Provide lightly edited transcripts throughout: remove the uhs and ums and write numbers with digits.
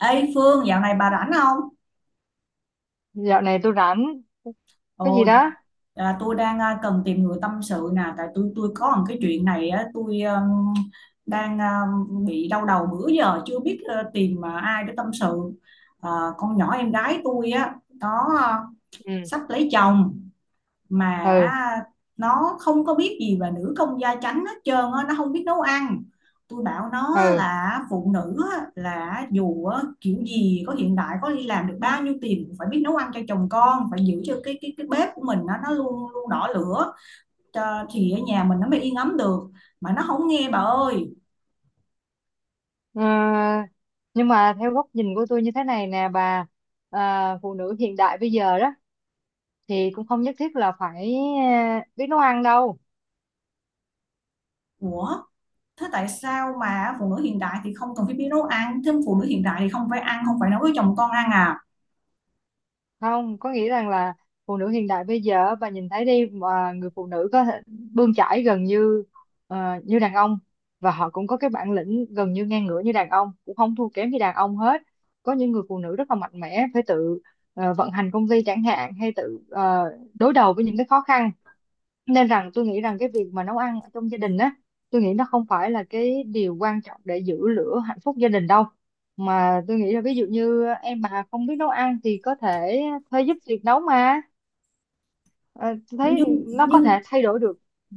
Ê Phương, dạo này bà rảnh không? Dạo này tôi rảnh. Cái gì Ồ. đó? À, tôi đang cần tìm người tâm sự nè, tại tôi có một cái chuyện này á. Tôi đang bị đau đầu bữa giờ chưa biết tìm ai để tâm sự. À, con nhỏ em gái tôi á, nó ừ sắp lấy chồng mà ừ nó không có biết gì về nữ công gia chánh hết trơn á, nó không biết nấu ăn. Tôi bảo nó ừ là phụ nữ là dù kiểu gì có hiện đại, có đi làm được bao nhiêu tiền cũng phải biết nấu ăn cho chồng con, phải giữ cho cái bếp của mình nó luôn luôn đỏ lửa, cho, thì ở nhà mình nó mới yên ấm được, mà nó không nghe bà ơi. Ờ, nhưng mà theo góc nhìn của tôi như thế này nè bà, phụ nữ hiện đại bây giờ đó thì cũng không nhất thiết là phải biết nấu ăn đâu. Ủa, thế tại sao mà phụ nữ hiện đại thì không cần phải biết nấu ăn, thêm phụ nữ hiện đại thì không phải ăn, không phải nấu với chồng con ăn à? Không có nghĩa rằng là phụ nữ hiện đại bây giờ, bà nhìn thấy đi, mà người phụ nữ có thể bươn chải gần như ờ, như đàn ông, và họ cũng có cái bản lĩnh gần như ngang ngửa như đàn ông, cũng không thua kém gì đàn ông hết. Có những người phụ nữ rất là mạnh mẽ, phải tự vận hành công ty chẳng hạn, hay tự đối đầu với những cái khó khăn. Nên rằng tôi nghĩ rằng cái việc mà nấu ăn ở trong gia đình á, tôi nghĩ nó không phải là cái điều quan trọng để giữ lửa hạnh phúc gia đình đâu. Mà tôi nghĩ là ví dụ như em mà không biết nấu ăn thì có thể thuê giúp việc nấu mà. Ờ, tôi thấy nhưng nó có nhưng thể thay đổi được. Ừ.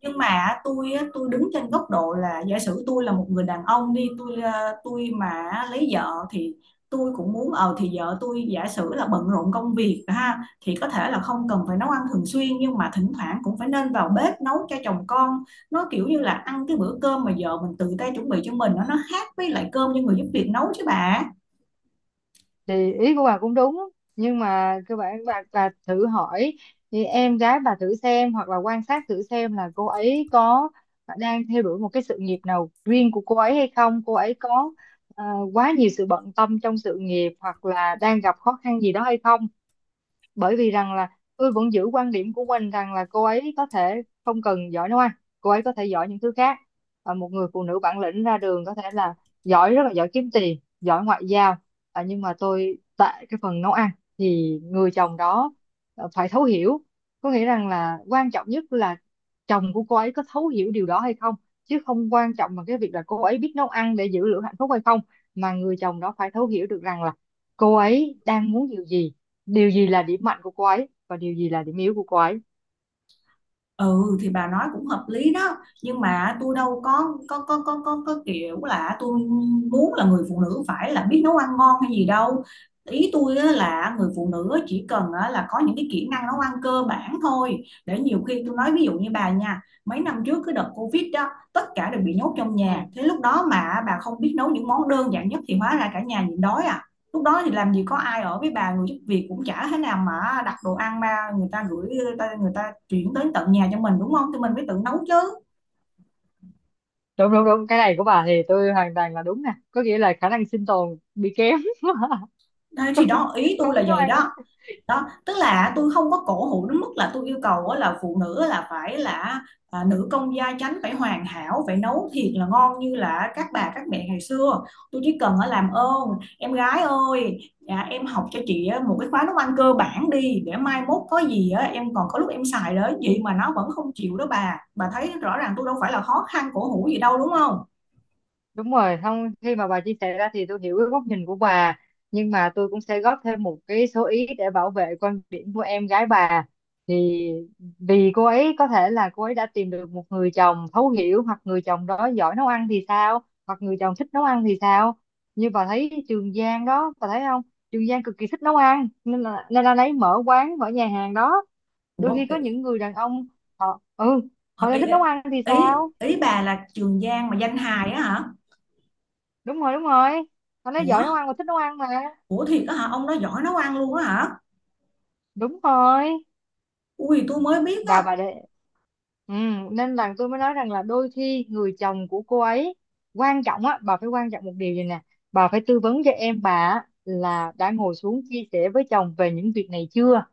nhưng mà tôi á, tôi đứng trên góc độ là giả sử tôi là một người đàn ông đi, tôi mà lấy vợ thì tôi cũng muốn. Ờ thì vợ tôi giả sử là bận rộn công việc ha, thì có thể là không cần phải nấu ăn thường xuyên, nhưng mà thỉnh thoảng cũng phải nên vào bếp nấu cho chồng con. Nó kiểu như là ăn cái bữa cơm mà vợ mình tự tay chuẩn bị cho mình nó khác với lại cơm do người giúp việc nấu chứ bà. Thì ý của bà cũng đúng, nhưng mà cơ bản bà thử hỏi thì em gái bà thử xem, hoặc là quan sát thử xem là cô ấy có đang theo đuổi một cái sự nghiệp nào riêng của cô ấy hay không, cô ấy có ờ, quá nhiều sự bận tâm trong sự nghiệp hoặc là đang gặp khó khăn gì đó hay không. Bởi vì rằng là tôi vẫn giữ quan điểm của mình rằng là cô ấy có thể không cần giỏi nấu ăn, cô ấy có thể giỏi những thứ khác. Ờ, một người phụ nữ bản lĩnh ra đường có thể là giỏi, rất là giỏi kiếm tiền, giỏi ngoại giao. Ờ, nhưng mà tôi tại cái phần nấu ăn thì người chồng đó phải thấu hiểu. Có nghĩa rằng là quan trọng nhất là chồng của cô ấy có thấu hiểu điều đó hay không, chứ không quan trọng bằng cái việc là cô ấy biết nấu ăn để giữ lửa hạnh phúc hay không. Mà người chồng đó phải thấu hiểu được rằng là cô ấy đang muốn điều gì, điều gì là điểm mạnh của cô ấy và điều gì là điểm yếu của cô ấy. Ừ thì bà nói cũng hợp lý đó, nhưng mà tôi đâu có kiểu là tôi muốn là người phụ nữ phải là biết nấu ăn ngon hay gì đâu. Ý tôi á là người phụ nữ chỉ cần á là có những cái kỹ năng nấu ăn cơ bản thôi, để nhiều khi tôi nói ví dụ như bà nha, mấy năm trước cái đợt Covid đó tất cả đều bị nhốt trong Ừ. nhà, thế lúc đó mà bà không biết nấu những món đơn giản nhất thì hóa ra cả nhà nhịn đói à. Lúc đó thì làm gì có ai ở với bà, người giúp việc cũng chả thế nào mà đặt đồ ăn ra, người ta gửi người ta chuyển tới tận nhà cho mình đúng không, thì mình phải tự nấu chứ. Đúng đúng đúng, cái này của bà thì tôi hoàn toàn là đúng nè, có nghĩa là khả năng sinh tồn bị kém Đấy, thì đó ý tôi không là biết nấu vậy ăn. đó. Đó tức là tôi không có cổ hủ đến mức là tôi yêu cầu á là phụ nữ là phải là nữ công gia chánh phải hoàn hảo, phải nấu thiệt là ngon như là các bà các mẹ ngày xưa. Tôi chỉ cần ở làm ơn, em gái ơi, dạ, em học cho chị á một cái khóa nấu ăn cơ bản đi, để mai mốt có gì á em còn có lúc em xài đó, vậy mà nó vẫn không chịu đó Bà thấy rõ ràng tôi đâu phải là khó khăn cổ hủ gì đâu, đúng không? Đúng rồi, không, khi mà bà chia sẻ ra thì tôi hiểu cái góc nhìn của bà, nhưng mà tôi cũng sẽ góp thêm một cái số ý để bảo vệ quan điểm của em gái bà. Thì vì cô ấy có thể là cô ấy đã tìm được một người chồng thấu hiểu, hoặc người chồng đó giỏi nấu ăn thì sao, hoặc người chồng thích nấu ăn thì sao. Như bà thấy Trường Giang đó, bà thấy không? Trường Giang cực kỳ thích nấu ăn nên là lấy mở quán, mở nhà hàng đó. Ủa, Đôi khi ý, có những người đàn ông họ họ lại ý, thích nấu ăn thì ý sao? ý bà là Trường Giang mà danh hài á hả? Đúng rồi đúng rồi, anh ấy giỏi Ủa. nấu ăn mà, thích nấu ăn mà. Ủa thiệt á hả? Ông đó giỏi nấu ăn luôn á hả? Đúng rồi. Ui tôi mới biết Và á. bà để ừ, nên là tôi mới nói rằng là đôi khi người chồng của cô ấy quan trọng á bà, phải quan trọng một điều gì nè. Bà phải tư vấn cho em bà á, là đã ngồi xuống chia sẻ với chồng về những việc này chưa.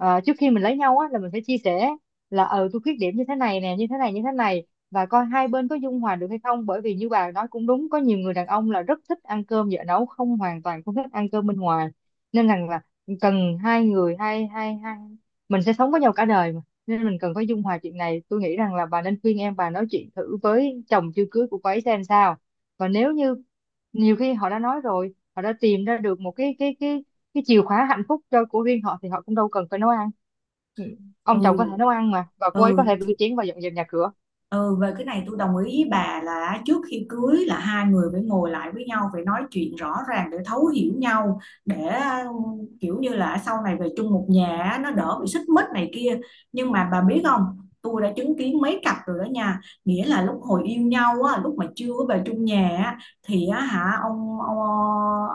Ờ, trước khi mình lấy nhau á là mình phải chia sẻ là ờ tôi khuyết điểm như thế này nè, như thế này như thế này, và coi hai bên có dung hòa được hay không. Bởi vì như bà nói cũng đúng, có nhiều người đàn ông là rất thích ăn cơm vợ nấu, không hoàn toàn không thích ăn cơm bên ngoài. Nên rằng là cần hai người, hai hai hai mình sẽ sống với nhau cả đời mà. Nên mình cần phải dung hòa chuyện này. Tôi nghĩ rằng là bà nên khuyên em bà nói chuyện thử với chồng chưa cưới của cô ấy xem sao. Và nếu như nhiều khi họ đã nói rồi, họ đã tìm ra được một cái chìa khóa hạnh phúc cho của riêng họ thì họ cũng đâu cần phải nấu ăn. Ừ, Ừ. ông chồng có thể nấu ăn mà, và cô ấy có Ừ. thể rửa chén và dọn dẹp nhà cửa. Ừ, về cái này tôi đồng ý với bà là trước khi cưới là hai người phải ngồi lại với nhau, phải nói chuyện rõ ràng để thấu hiểu nhau, để ừ, kiểu như là sau này về chung một nhà á, nó đỡ bị xích mích này kia. Nhưng mà bà biết không, tôi đã chứng kiến mấy cặp rồi đó nha, nghĩa là lúc hồi yêu nhau á, lúc mà chưa có về chung nhà á, thì á, hả ông ông,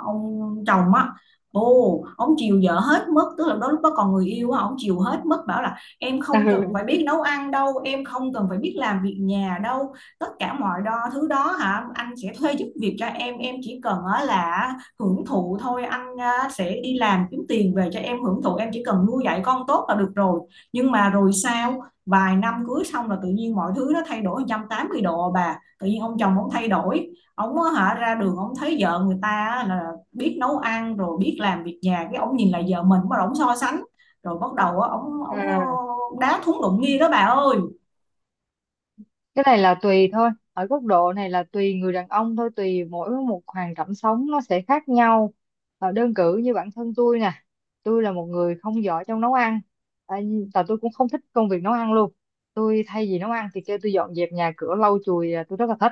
ông chồng á ông chiều vợ hết mất, tức là đó lúc đó còn người yêu á, ông chiều hết mất, bảo em không cần phải biết nấu ăn đâu, em không cần phải biết làm việc nhà đâu, tất cả mọi đo thứ đó hả, anh sẽ thuê giúp việc cho em chỉ cần á là hưởng thụ thôi, anh sẽ đi làm kiếm tiền về cho em hưởng thụ, em chỉ cần nuôi dạy con tốt là được rồi. Nhưng mà rồi sao, vài năm cưới xong là tự nhiên mọi thứ nó thay đổi 180 độ à bà, tự nhiên ông chồng ông thay đổi, ông hả ra đường ông thấy vợ người ta là biết nấu ăn rồi biết làm việc nhà, cái ông nhìn lại vợ mình bắt đầu ông so sánh, rồi bắt đầu á ổng Ừ. ổng ờ, đá thúng đụng nghi đó bà ơi. Cái này là tùy thôi, ở góc độ này là tùy người đàn ông thôi, tùy mỗi một hoàn cảnh sống nó sẽ khác nhau. Ờ, đơn cử như bản thân tôi nè, tôi là một người không giỏi trong nấu ăn, à, và tôi cũng không thích công việc nấu ăn luôn. Tôi thay vì nấu ăn thì kêu tôi dọn dẹp nhà cửa lau chùi là tôi rất là thích.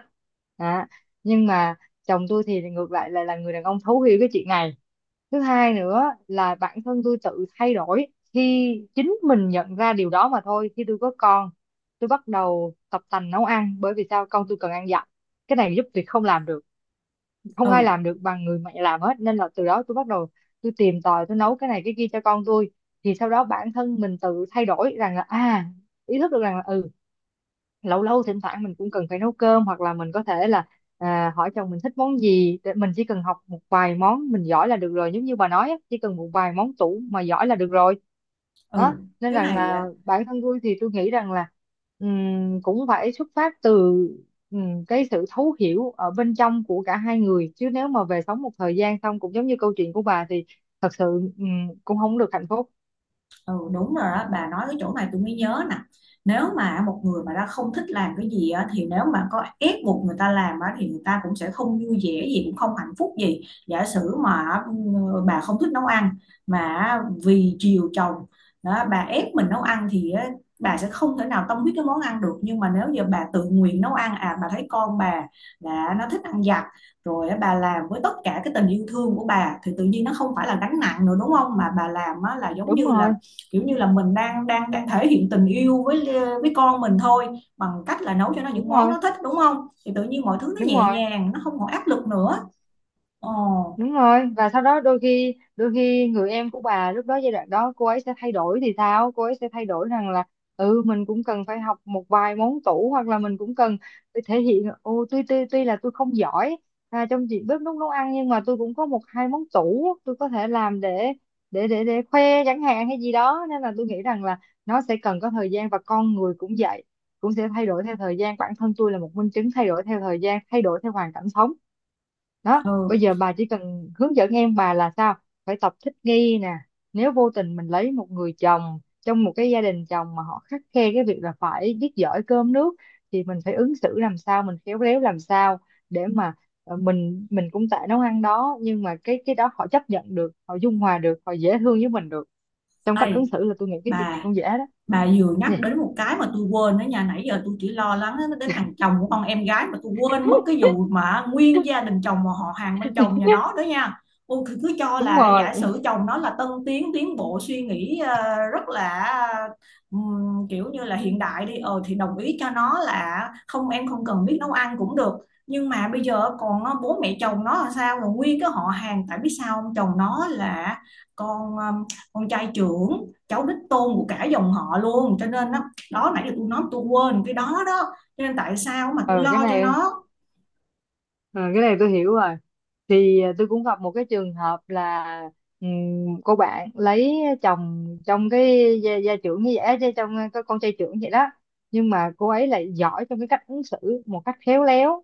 Đó. Nhưng mà chồng tôi thì ngược lại, là người đàn ông thấu hiểu cái chuyện này. Thứ hai nữa là bản thân tôi tự thay đổi khi chính mình nhận ra điều đó mà thôi. Khi tôi có con, tôi bắt đầu tập tành nấu ăn, bởi vì sao, con tôi cần ăn dặm, cái này giúp việc không làm được, không ai Ừ. làm được bằng người mẹ làm hết. Nên là từ đó tôi bắt đầu tôi tìm tòi, tôi nấu cái này cái kia cho con tôi. Thì sau đó bản thân mình tự thay đổi rằng là à, ý thức được rằng là ừ, lâu lâu thỉnh thoảng mình cũng cần phải nấu cơm, hoặc là mình có thể là hỏi chồng mình thích món gì để mình chỉ cần học một vài món mình giỏi là được rồi. Giống như bà nói á, chỉ cần một vài món tủ mà giỏi là được rồi. Ừ. Đó, nên Cái rằng này. là bản thân tôi thì tôi nghĩ rằng là cũng phải xuất phát từ cái sự thấu hiểu ở bên trong của cả hai người. Chứ nếu mà về sống một thời gian xong cũng giống như câu chuyện của bà thì thật sự ừm, cũng không được hạnh phúc. Ừ đúng rồi đó, bà nói cái chỗ này tôi mới nhớ nè, nếu mà một người mà đã không thích làm cái gì á, thì nếu mà có ép buộc người ta làm á, thì người ta cũng sẽ không vui vẻ gì, cũng không hạnh phúc gì. Giả sử mà ừ, bà không thích nấu ăn mà vì chiều chồng đó, bà ép mình nấu ăn thì á, bà sẽ không thể nào tâm huyết cái món ăn được. Nhưng mà nếu giờ bà tự nguyện nấu ăn, à bà thấy con bà là nó thích ăn giặt rồi á, bà làm với tất cả cái tình yêu thương của bà thì tự nhiên nó không phải là gánh nặng nữa đúng không, mà bà làm á, là giống như Đúng là rồi kiểu như là mình đang đang đang thể hiện tình yêu với con mình thôi, bằng cách là nấu cho nó đúng những món rồi. nó thích đúng không, thì tự nhiên mọi thứ nó Đúng nhẹ rồi nhàng, nó không còn áp lực nữa. Ồ. đúng rồi, và sau đó đôi khi, đôi khi người em của bà lúc đó, giai đoạn đó cô ấy sẽ thay đổi thì sao, cô ấy sẽ thay đổi rằng là ừ, mình cũng cần phải học một vài món tủ, hoặc là mình cũng cần phải thể hiện ô, tuy tuy tuy là tôi không giỏi trong việc bếp núc nấu ăn, nhưng mà tôi cũng có một hai món tủ tôi có thể làm để để khoe chẳng hạn hay gì đó. Nên là tôi nghĩ rằng là nó sẽ cần có thời gian, và con người cũng vậy, cũng sẽ thay đổi theo thời gian. Bản thân tôi là một minh chứng thay đổi theo thời gian, thay đổi theo hoàn cảnh sống. Đó, ừ bây giờ bà chỉ cần hướng dẫn em bà là sao, phải tập thích nghi nè. Nếu vô tình mình lấy một người chồng trong một cái gia đình chồng mà họ khắt khe cái việc là phải biết giỏi cơm nước, thì mình phải ứng xử làm sao, mình khéo léo làm sao để mà mình cũng tại nấu ăn đó, nhưng mà cái đó họ chấp nhận được, họ dung hòa được, họ dễ thương với mình được. Trong ê cách ứng xử là tôi nghĩ cái chuyện gì bà cũng dễ đó. bà vừa Nhỉ? nhắc đến một cái mà tôi quên đó nha, nãy giờ tôi chỉ lo lắng đến thằng chồng của con em gái mà tôi quên mất cái vụ mà nguyên gia đình chồng và họ hàng bên chồng nhà nó đó nha. Ôi, cứ cho Đúng là rồi. giả sử chồng nó là tân tiến tiến bộ suy nghĩ rất là kiểu như là hiện đại đi. Ờ thì đồng ý cho nó là không, em không cần biết nấu ăn cũng được, nhưng mà bây giờ còn bố mẹ chồng nó là sao, rồi nguyên cái họ hàng, tại biết sao không, chồng nó là con ờ, con trai trưởng, cháu đích tôn của cả dòng họ luôn, cho nên đó nãy giờ tôi nói tôi quên cái đó đó, cho nên tại sao mà tôi ừ, cái lo cho này nó. ừ, cái này tôi hiểu rồi. Thì tôi cũng gặp một cái trường hợp là cô bạn lấy chồng trong cái gia trưởng như vậy á, chứ trong cái con trai trưởng vậy đó. Nhưng mà cô ấy lại giỏi trong cái cách ứng xử một cách khéo léo.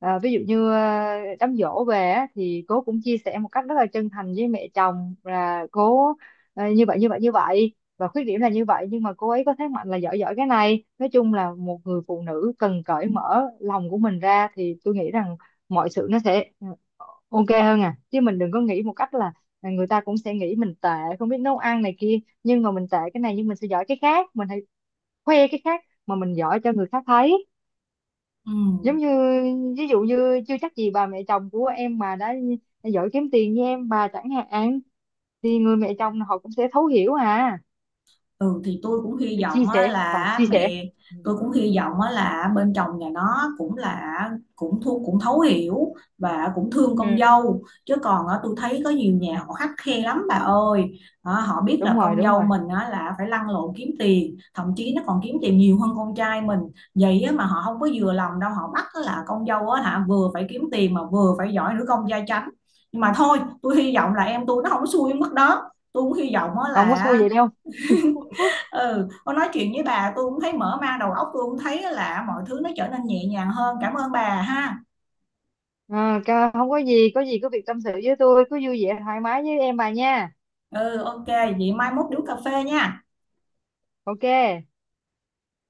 Ví dụ như đám giỗ về á, thì cô cũng chia sẻ một cách rất là chân thành với mẹ chồng là cô như vậy như vậy như vậy, và khuyết điểm là như vậy, nhưng mà cô ấy có thế mạnh là giỏi giỏi cái này. Nói chung là một người phụ nữ cần cởi mở lòng của mình ra thì tôi nghĩ rằng mọi sự nó sẽ ok hơn. À chứ mình đừng có nghĩ một cách là người ta cũng sẽ nghĩ mình tệ, không biết nấu ăn này kia, nhưng mà mình tệ cái này, nhưng mình sẽ giỏi cái khác. Mình hãy khoe cái khác mà mình giỏi cho người khác thấy. Ừ. Giống như ví dụ như chưa chắc gì bà mẹ chồng của em mà đã giỏi kiếm tiền như em bà chẳng hạn, thì người mẹ chồng họ cũng sẽ thấu hiểu à Ừ thì tôi cũng hy để chia vọng á, sẻ và là chia sẻ. mẹ Ừ, tôi cũng hy vọng á, là bên chồng nhà nó cũng là cũng thu cũng thấu hiểu và cũng thương con ừ dâu, chứ còn á, tôi thấy có nhiều nhà họ khắt khe lắm bà ơi. Ờ, họ biết đúng là rồi con đúng dâu rồi, mình á, là phải lăn lộn kiếm tiền, thậm chí nó còn kiếm tiền nhiều hơn con trai mình vậy á, mà họ không có vừa lòng đâu, họ bắt á, là con dâu á, hả vừa phải kiếm tiền mà vừa phải giỏi nữ công gia chánh. Nhưng mà thôi tôi hy vọng là em tôi nó không có xui mất đó, tôi cũng hy vọng á, không có xui là vậy đâu. ừ con nói chuyện với bà tôi cũng thấy mở mang đầu óc, tôi cũng thấy là mọi thứ nó trở nên nhẹ nhàng hơn, cảm ơn bà ha. Không có gì, có gì cứ việc tâm sự với tôi, cứ vui vẻ thoải mái với em bà nha. Ừ ok vậy mai mốt đi uống cà phê nha. Ok.